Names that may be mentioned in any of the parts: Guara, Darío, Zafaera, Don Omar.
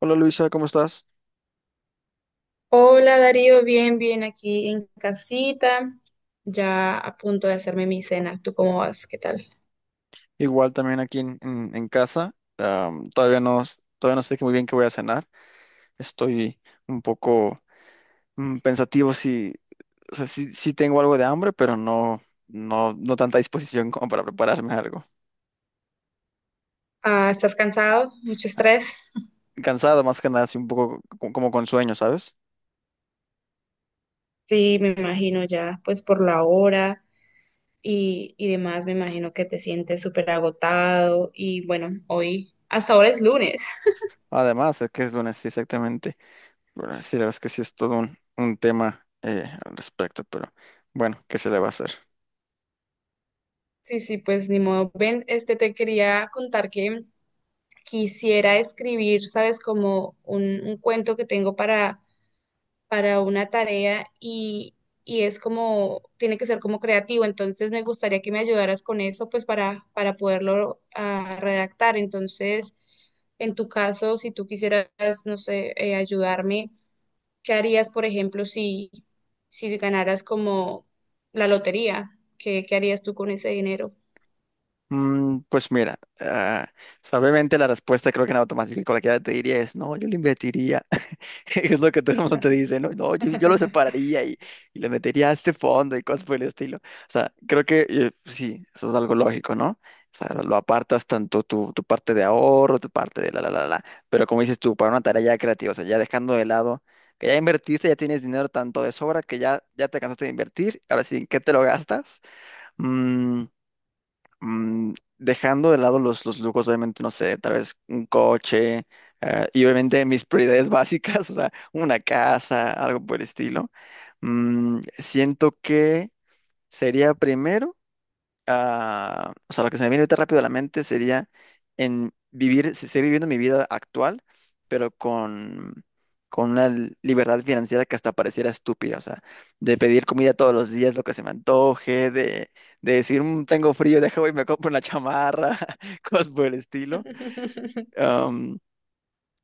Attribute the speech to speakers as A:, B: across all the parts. A: Hola Luisa, ¿cómo estás?
B: Hola Darío, bien, bien aquí en casita, ya a punto de hacerme mi cena. ¿Tú cómo vas? ¿Qué tal?
A: Igual también aquí en, en casa. Todavía no, todavía no sé muy bien qué voy a cenar. Estoy un poco pensativo si, o sea, sí, sí tengo algo de hambre, pero no, no, no tanta disposición como para prepararme algo.
B: Ah, ¿estás cansado? ¿Mucho estrés?
A: Cansado más que nada, así un poco como con sueño, ¿sabes?
B: Sí, me imagino ya, pues por la hora y demás, me imagino que te sientes súper agotado y bueno, hoy, hasta ahora es lunes.
A: Además, es que es lunes, sí, exactamente. Bueno, sí, la verdad es que sí es todo un tema al respecto, pero bueno, ¿qué se le va a hacer?
B: Sí, sí, pues ni modo. Ven, este te quería contar que quisiera escribir, sabes, como un cuento que tengo para una tarea y es como, tiene que ser como creativo. Entonces me gustaría que me ayudaras con eso, pues para poderlo redactar. Entonces, en tu caso, si tú quisieras, no sé, ayudarme, ¿qué harías, por ejemplo, si, si ganaras como la lotería? ¿Qué, qué harías tú con ese dinero?
A: Pues mira, o sea, obviamente la respuesta creo que en automático cualquiera te diría es, no, yo lo invertiría. Es lo que todo el mundo te dice, no, no, yo lo separaría y le metería a este fondo y cosas por el estilo. O sea, creo que sí, eso es algo lógico, ¿no? O sea, lo apartas tanto tu, tu parte de ahorro, tu parte de la. Pero como dices tú, para una tarea ya creativa, o sea, ya dejando de lado que ya invertiste, ya tienes dinero tanto de sobra que ya, ya te cansaste de invertir. Ahora sí, ¿en qué te lo gastas? Mm, dejando de lado los lujos, obviamente, no sé, tal vez un coche, y obviamente mis prioridades básicas, o sea, una casa, algo por el estilo, siento que sería primero o sea, lo que se me viene ahorita rápido a la mente sería en vivir, seguir viviendo mi vida actual, pero con una libertad financiera que hasta pareciera estúpida, o sea, de pedir comida todos los días, lo que se me antoje, de decir, "Mm, tengo frío, deja, voy y me compro una chamarra," cosas por el estilo,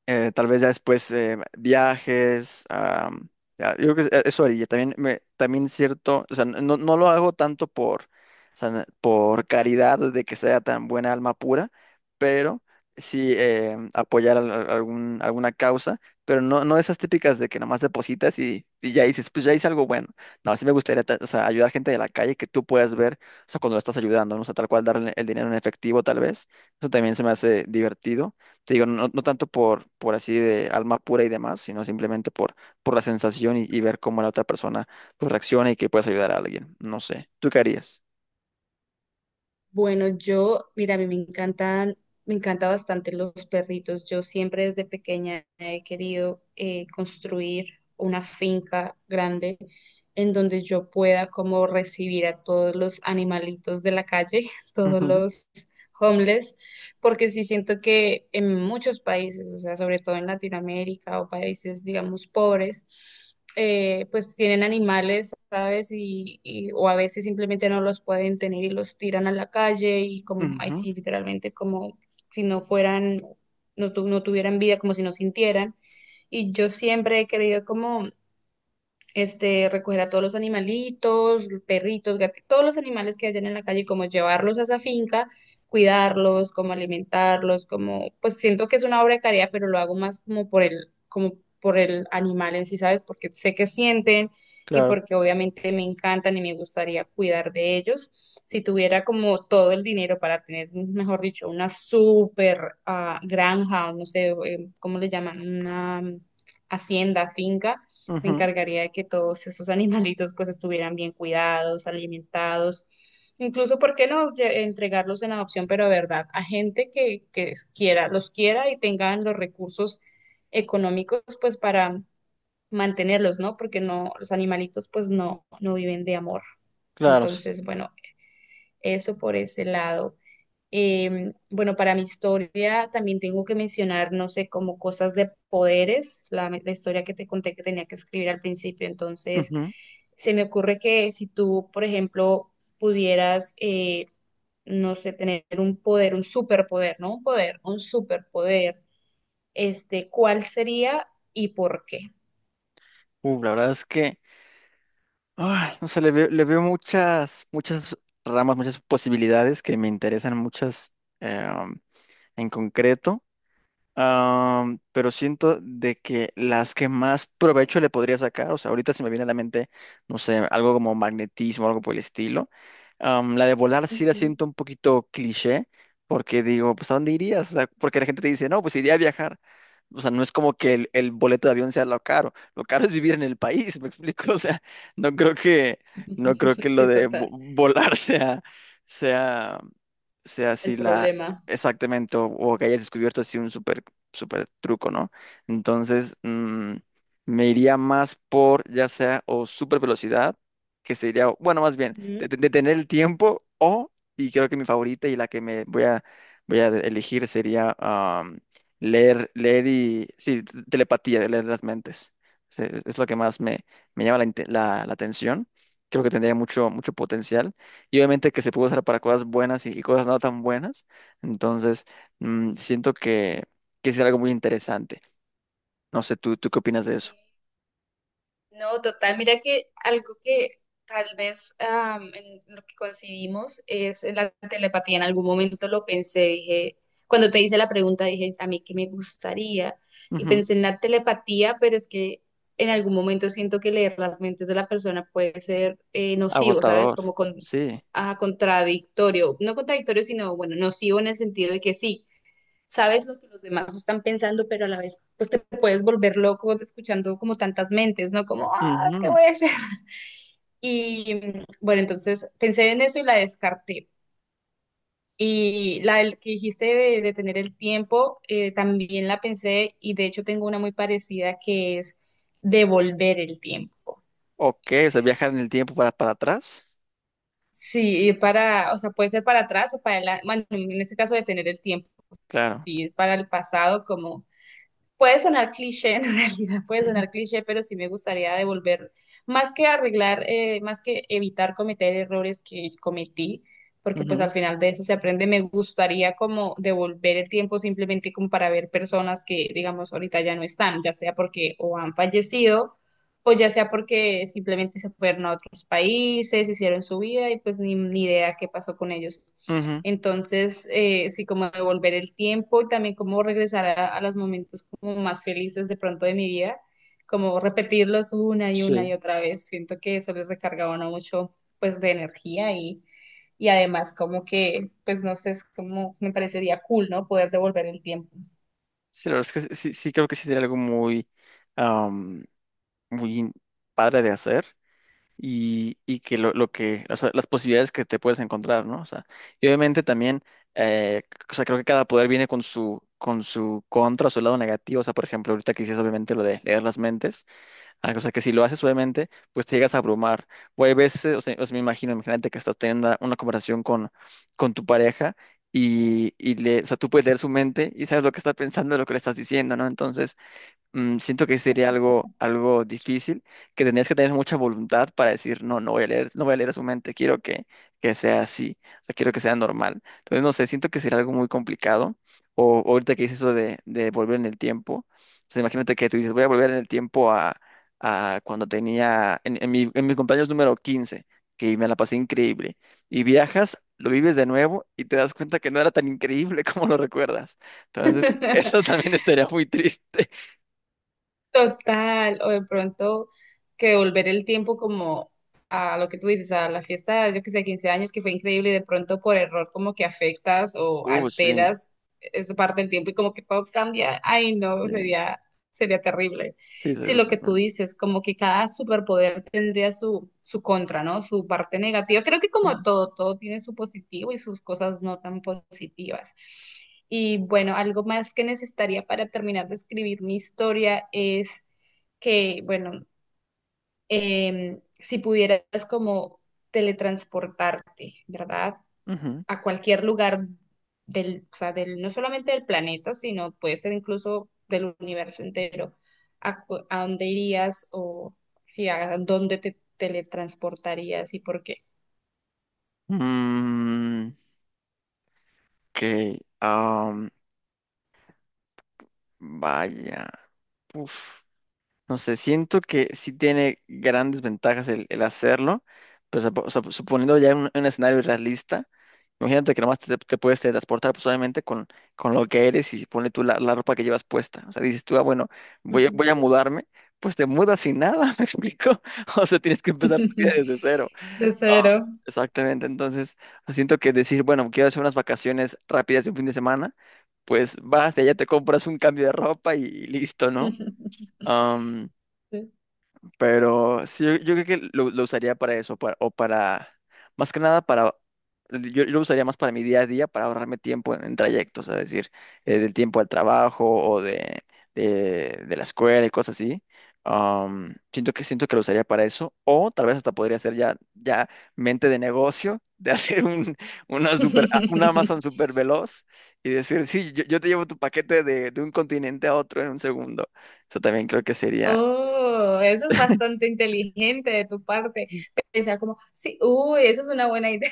A: tal vez ya después viajes, ya, yo creo que eso haría. También, me, también cierto, o sea, no, no lo hago tanto por, o sea, por caridad de que sea tan buena alma pura, pero sí apoyar algún, alguna causa, pero no, no esas típicas de que nomás depositas y ya dices, pues ya hice algo bueno. No, sí me gustaría o sea, ayudar gente de la calle que tú puedas ver, o sea, cuando lo estás ayudando, ¿no? O sea, tal cual darle el dinero en efectivo, tal vez. Eso también se me hace divertido. Te digo, no, no tanto por así de alma pura y demás, sino simplemente por la sensación y ver cómo la otra persona pues, reacciona y que puedes ayudar a alguien. No sé. ¿Tú qué harías?
B: Bueno, yo, mira, a mí me encantan, me encanta bastante los perritos. Yo siempre desde pequeña he querido construir una finca grande en donde yo pueda como recibir a todos los animalitos de la calle, todos
A: Ujú,
B: los homeless, porque sí siento que en muchos países, o sea, sobre todo en Latinoamérica o países, digamos, pobres, pues tienen animales, ¿sabes? O a veces simplemente no los pueden tener y los tiran a la calle y como, ay,
A: ujú,
B: sí, literalmente como si no fueran, no, no tuvieran vida, como si no sintieran. Y yo siempre he querido como este, recoger a todos los animalitos, perritos, gatitos, todos los animales que hayan en la calle, como llevarlos a esa finca, cuidarlos, como alimentarlos, como, pues siento que es una obra de caridad, pero lo hago más como por el animal en sí, ¿sabes? Porque sé que sienten y
A: claro,
B: porque obviamente me encantan y me gustaría cuidar de ellos. Si tuviera como todo el dinero para tener, mejor dicho, una super granja, o no sé, ¿cómo le llaman? Una hacienda, finca, me
A: ujú,
B: encargaría de que todos esos animalitos pues estuvieran bien cuidados, alimentados, incluso, ¿por qué no entregarlos en adopción, pero de verdad, a gente que quiera, los quiera y tengan los recursos económicos pues para mantenerlos, ¿no? Porque no, los animalitos pues no, no viven de amor.
A: claro. S-
B: Entonces, bueno, eso por ese lado. Bueno, para mi historia también tengo que mencionar, no sé, como cosas de poderes, la historia que te conté que tenía que escribir al principio. Entonces,
A: ujú.
B: se me ocurre que si tú, por ejemplo, pudieras, no sé, tener un poder, un superpoder, no un poder, un superpoder, este, ¿cuál sería y por qué?
A: La verdad es que, ay, no sé, le veo muchas, muchas ramas, muchas posibilidades que me interesan, muchas eh, en concreto. Pero siento de que las que más provecho le podría sacar, o sea, ahorita se me viene a la mente, no sé, algo como magnetismo, algo por el estilo. La de volar sí la
B: Ujú.
A: siento un poquito cliché, porque digo, pues ¿a dónde irías? O sea, porque la gente te dice, no, pues iría a viajar. O sea, no es como que el boleto de avión sea lo caro. Lo caro es vivir en el país, ¿me explico? O sea, no creo que, no creo que lo
B: Sí,
A: de
B: total.
A: volar sea, sea, sea
B: El
A: así la,
B: problema.
A: exactamente, o que hayas descubierto así un súper truco, ¿no? Entonces, me iría más por ya sea o súper velocidad, que sería, o- bueno, más bien,
B: Ujú.
A: detener el tiempo o, y creo que mi favorita y la que me voy a, voy a elegir sería leer, leer y, sí, telepatía, de leer las mentes. Es lo que más me, me llama la, la atención. Creo que tendría mucho, mucho potencial. Y obviamente que se puede usar para cosas buenas y cosas no tan buenas. Entonces, siento que es algo muy interesante. No sé, ¿tú, tú qué opinas de eso?
B: No, total, mira que algo que tal vez en lo que concibimos es la telepatía. En algún momento lo pensé, dije, cuando te hice la pregunta, dije, a mí qué me gustaría. Y
A: Ujú.
B: pensé en la telepatía, pero es que en algún momento siento que leer las mentes de la persona puede ser nocivo, ¿sabes?
A: Agotador,
B: Como con,
A: sí.
B: ah, contradictorio, no contradictorio, sino, bueno, nocivo en el sentido de que sí sabes lo que los demás están pensando, pero a la vez pues te puedes volver loco escuchando como tantas mentes, ¿no? Como, ah, ¿qué
A: Ujú.
B: voy a hacer? Y bueno, entonces pensé en eso y la descarté. Y la del que dijiste de tener el tiempo, también la pensé y de hecho tengo una muy parecida que es devolver el tiempo.
A: Ok, o sea, viajar en el tiempo para atrás.
B: Sí, ir para, o sea, puede ser para atrás o para adelante, bueno, en este caso de tener el tiempo,
A: Claro.
B: sí, para el pasado como puede sonar cliché, en realidad puede
A: Ujú,
B: sonar cliché, pero sí me gustaría devolver, más que arreglar, más que evitar cometer errores que cometí, porque pues
A: ujú,
B: al final de eso se aprende, me gustaría como devolver el tiempo simplemente como para ver personas que, digamos, ahorita ya no están, ya sea porque o han fallecido o ya sea porque simplemente se fueron a otros países, hicieron su vida y pues ni, ni idea qué pasó con ellos.
A: ujú.
B: Entonces, sí, como devolver el tiempo y también como regresar a los momentos como más felices de pronto de mi vida, como repetirlos una y
A: Sí.
B: otra vez. Siento que eso les recargaba a uno mucho pues de energía y además como que, pues no sé, es como me parecería cool, ¿no? Poder devolver el tiempo.
A: Sí, la verdad es que sí, sí sí creo que sí sería algo muy, am, muy padre de hacer y que lo que, o sea, las posibilidades que te puedes encontrar, ¿no? O sea, y obviamente también, eh, o sea, creo que cada poder viene con su contra, su lado negativo, o sea, por ejemplo, ahorita que dices obviamente lo de leer las mentes, ah, o sea, que si lo haces suavemente, pues te llegas a abrumar. O hay veces, o sea, me imagino, imagínate que estás teniendo una conversación con tu pareja y le, o sea, tú puedes leer su mente y sabes lo que está pensando, lo que le estás diciendo, ¿no? Entonces, siento que sería algo, algo difícil, que tendrías que tener mucha voluntad para decir, no, no voy a leer, no voy a leer a su mente, quiero que sea así, o sea, quiero que sea normal. Entonces, no sé, siento que sería algo muy complicado. O ahorita que dices eso de volver en el tiempo, o sea, imagínate que tú dices, voy a volver en el tiempo a cuando tenía, en mi cumpleaños número 15 que me la pasé increíble, y viajas. Lo vives de nuevo y te das cuenta que no era tan increíble como lo recuerdas. Entonces, eso también estaría muy triste.
B: Total, o de pronto que devolver el tiempo como a lo que tú dices, a la fiesta, yo que sé, 15 años que fue increíble y de pronto por error como que afectas o
A: Sí,
B: alteras esa parte del tiempo y como que todo cambia. Ay, no,
A: sí,
B: sería, sería terrible.
A: sí,
B: Si lo que tú
A: seguramente.
B: dices, como que cada superpoder tendría su, su contra, ¿no? Su parte negativa. Creo que como
A: Ujú,
B: todo, todo tiene su positivo y sus cosas no tan positivas. Y bueno, algo más que necesitaría para terminar de escribir mi historia es que, bueno, si pudieras como teletransportarte, ¿verdad?
A: ujú.
B: A cualquier lugar del, o sea, del, no solamente del planeta, sino puede ser incluso del universo entero, ¿a, cu- a dónde irías o si a dónde te teletransportarías y por qué?
A: Mm, ok, vaya. Uf, no sé, siento que sí tiene grandes ventajas el hacerlo, pero suponiendo ya un escenario realista, imagínate que nomás te, te puedes teletransportar pues, obviamente con lo que eres y pone tú la, la ropa que llevas puesta. O sea, dices tú, ah, bueno, voy a,
B: Ujú.
A: voy a mudarme, pues te mudas sin nada, ¿me explico? O sea, tienes que empezar tu vida desde cero.
B: De
A: Ah,
B: cero.
A: exactamente, entonces siento que decir, bueno, quiero hacer unas vacaciones rápidas de un fin de semana, pues vas y allá te compras un cambio de ropa y listo, ¿no?
B: Sí.
A: Pero sí, yo creo que lo usaría para eso, para- o para, más que nada para, yo lo usaría más para mi día a día, para ahorrarme tiempo en trayectos, es decir, del tiempo al trabajo o de la escuela y cosas así. Siento que lo usaría para eso, o tal vez hasta podría ser ya, ya mente de negocio, de hacer un, una super, un Amazon super veloz y decir, sí, yo te llevo tu paquete de un continente a otro en un segundo. Eso también creo que sería...
B: Oh, eso es bastante inteligente de tu parte. Pensar como, sí, uy, eso es una buena idea.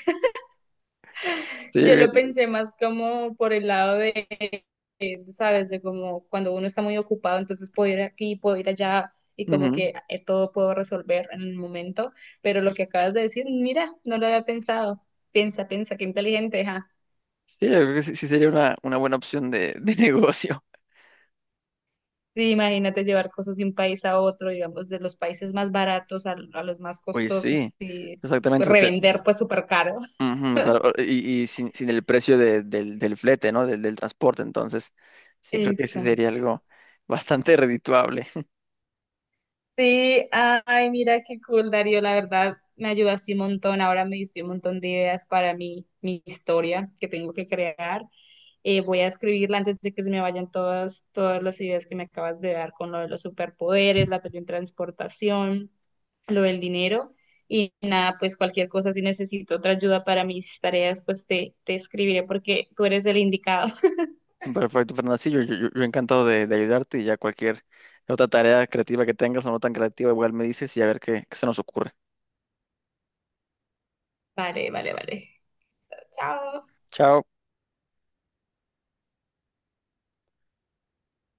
A: Sí,
B: Yo lo pensé más como por el lado de, ¿sabes? De como cuando uno está muy ocupado, entonces puedo ir aquí, puedo ir allá y como
A: ujú.
B: que todo puedo resolver en el momento. Pero lo que acabas de decir, mira, no lo había pensado. Piensa, piensa, qué inteligente, ja.
A: Sí, yo creo que sí, sí sería una buena opción de negocio.
B: Sí, imagínate llevar cosas de un país a otro, digamos, de los países más baratos a los más
A: Oye,
B: costosos
A: sí,
B: y
A: exactamente. Te-
B: revender pues súper caro.
A: ujú, o sea, o- y sin, sin el precio de- del, del flete, ¿no? Del, del transporte. Entonces, sí creo que ese sería
B: Exacto.
A: algo bastante redituable.
B: Sí, ay, mira qué cool, Darío, la verdad me ayudaste un montón, ahora me diste un montón de ideas para mi, mi historia que tengo que crear. Voy a escribirla antes de que se me vayan todas, todas las ideas que me acabas de dar con lo de los superpoderes, la teletransportación, lo del dinero y nada, pues cualquier cosa, si necesito otra ayuda para mis tareas, pues te escribiré porque tú eres el indicado.
A: Perfecto, Fernando. Sí, yo, yo encantado de ayudarte y ya cualquier otra tarea creativa que tengas o no tan creativa, igual me dices y a ver qué qué se nos ocurre.
B: Vale, vale, vale. Chao.
A: Chao.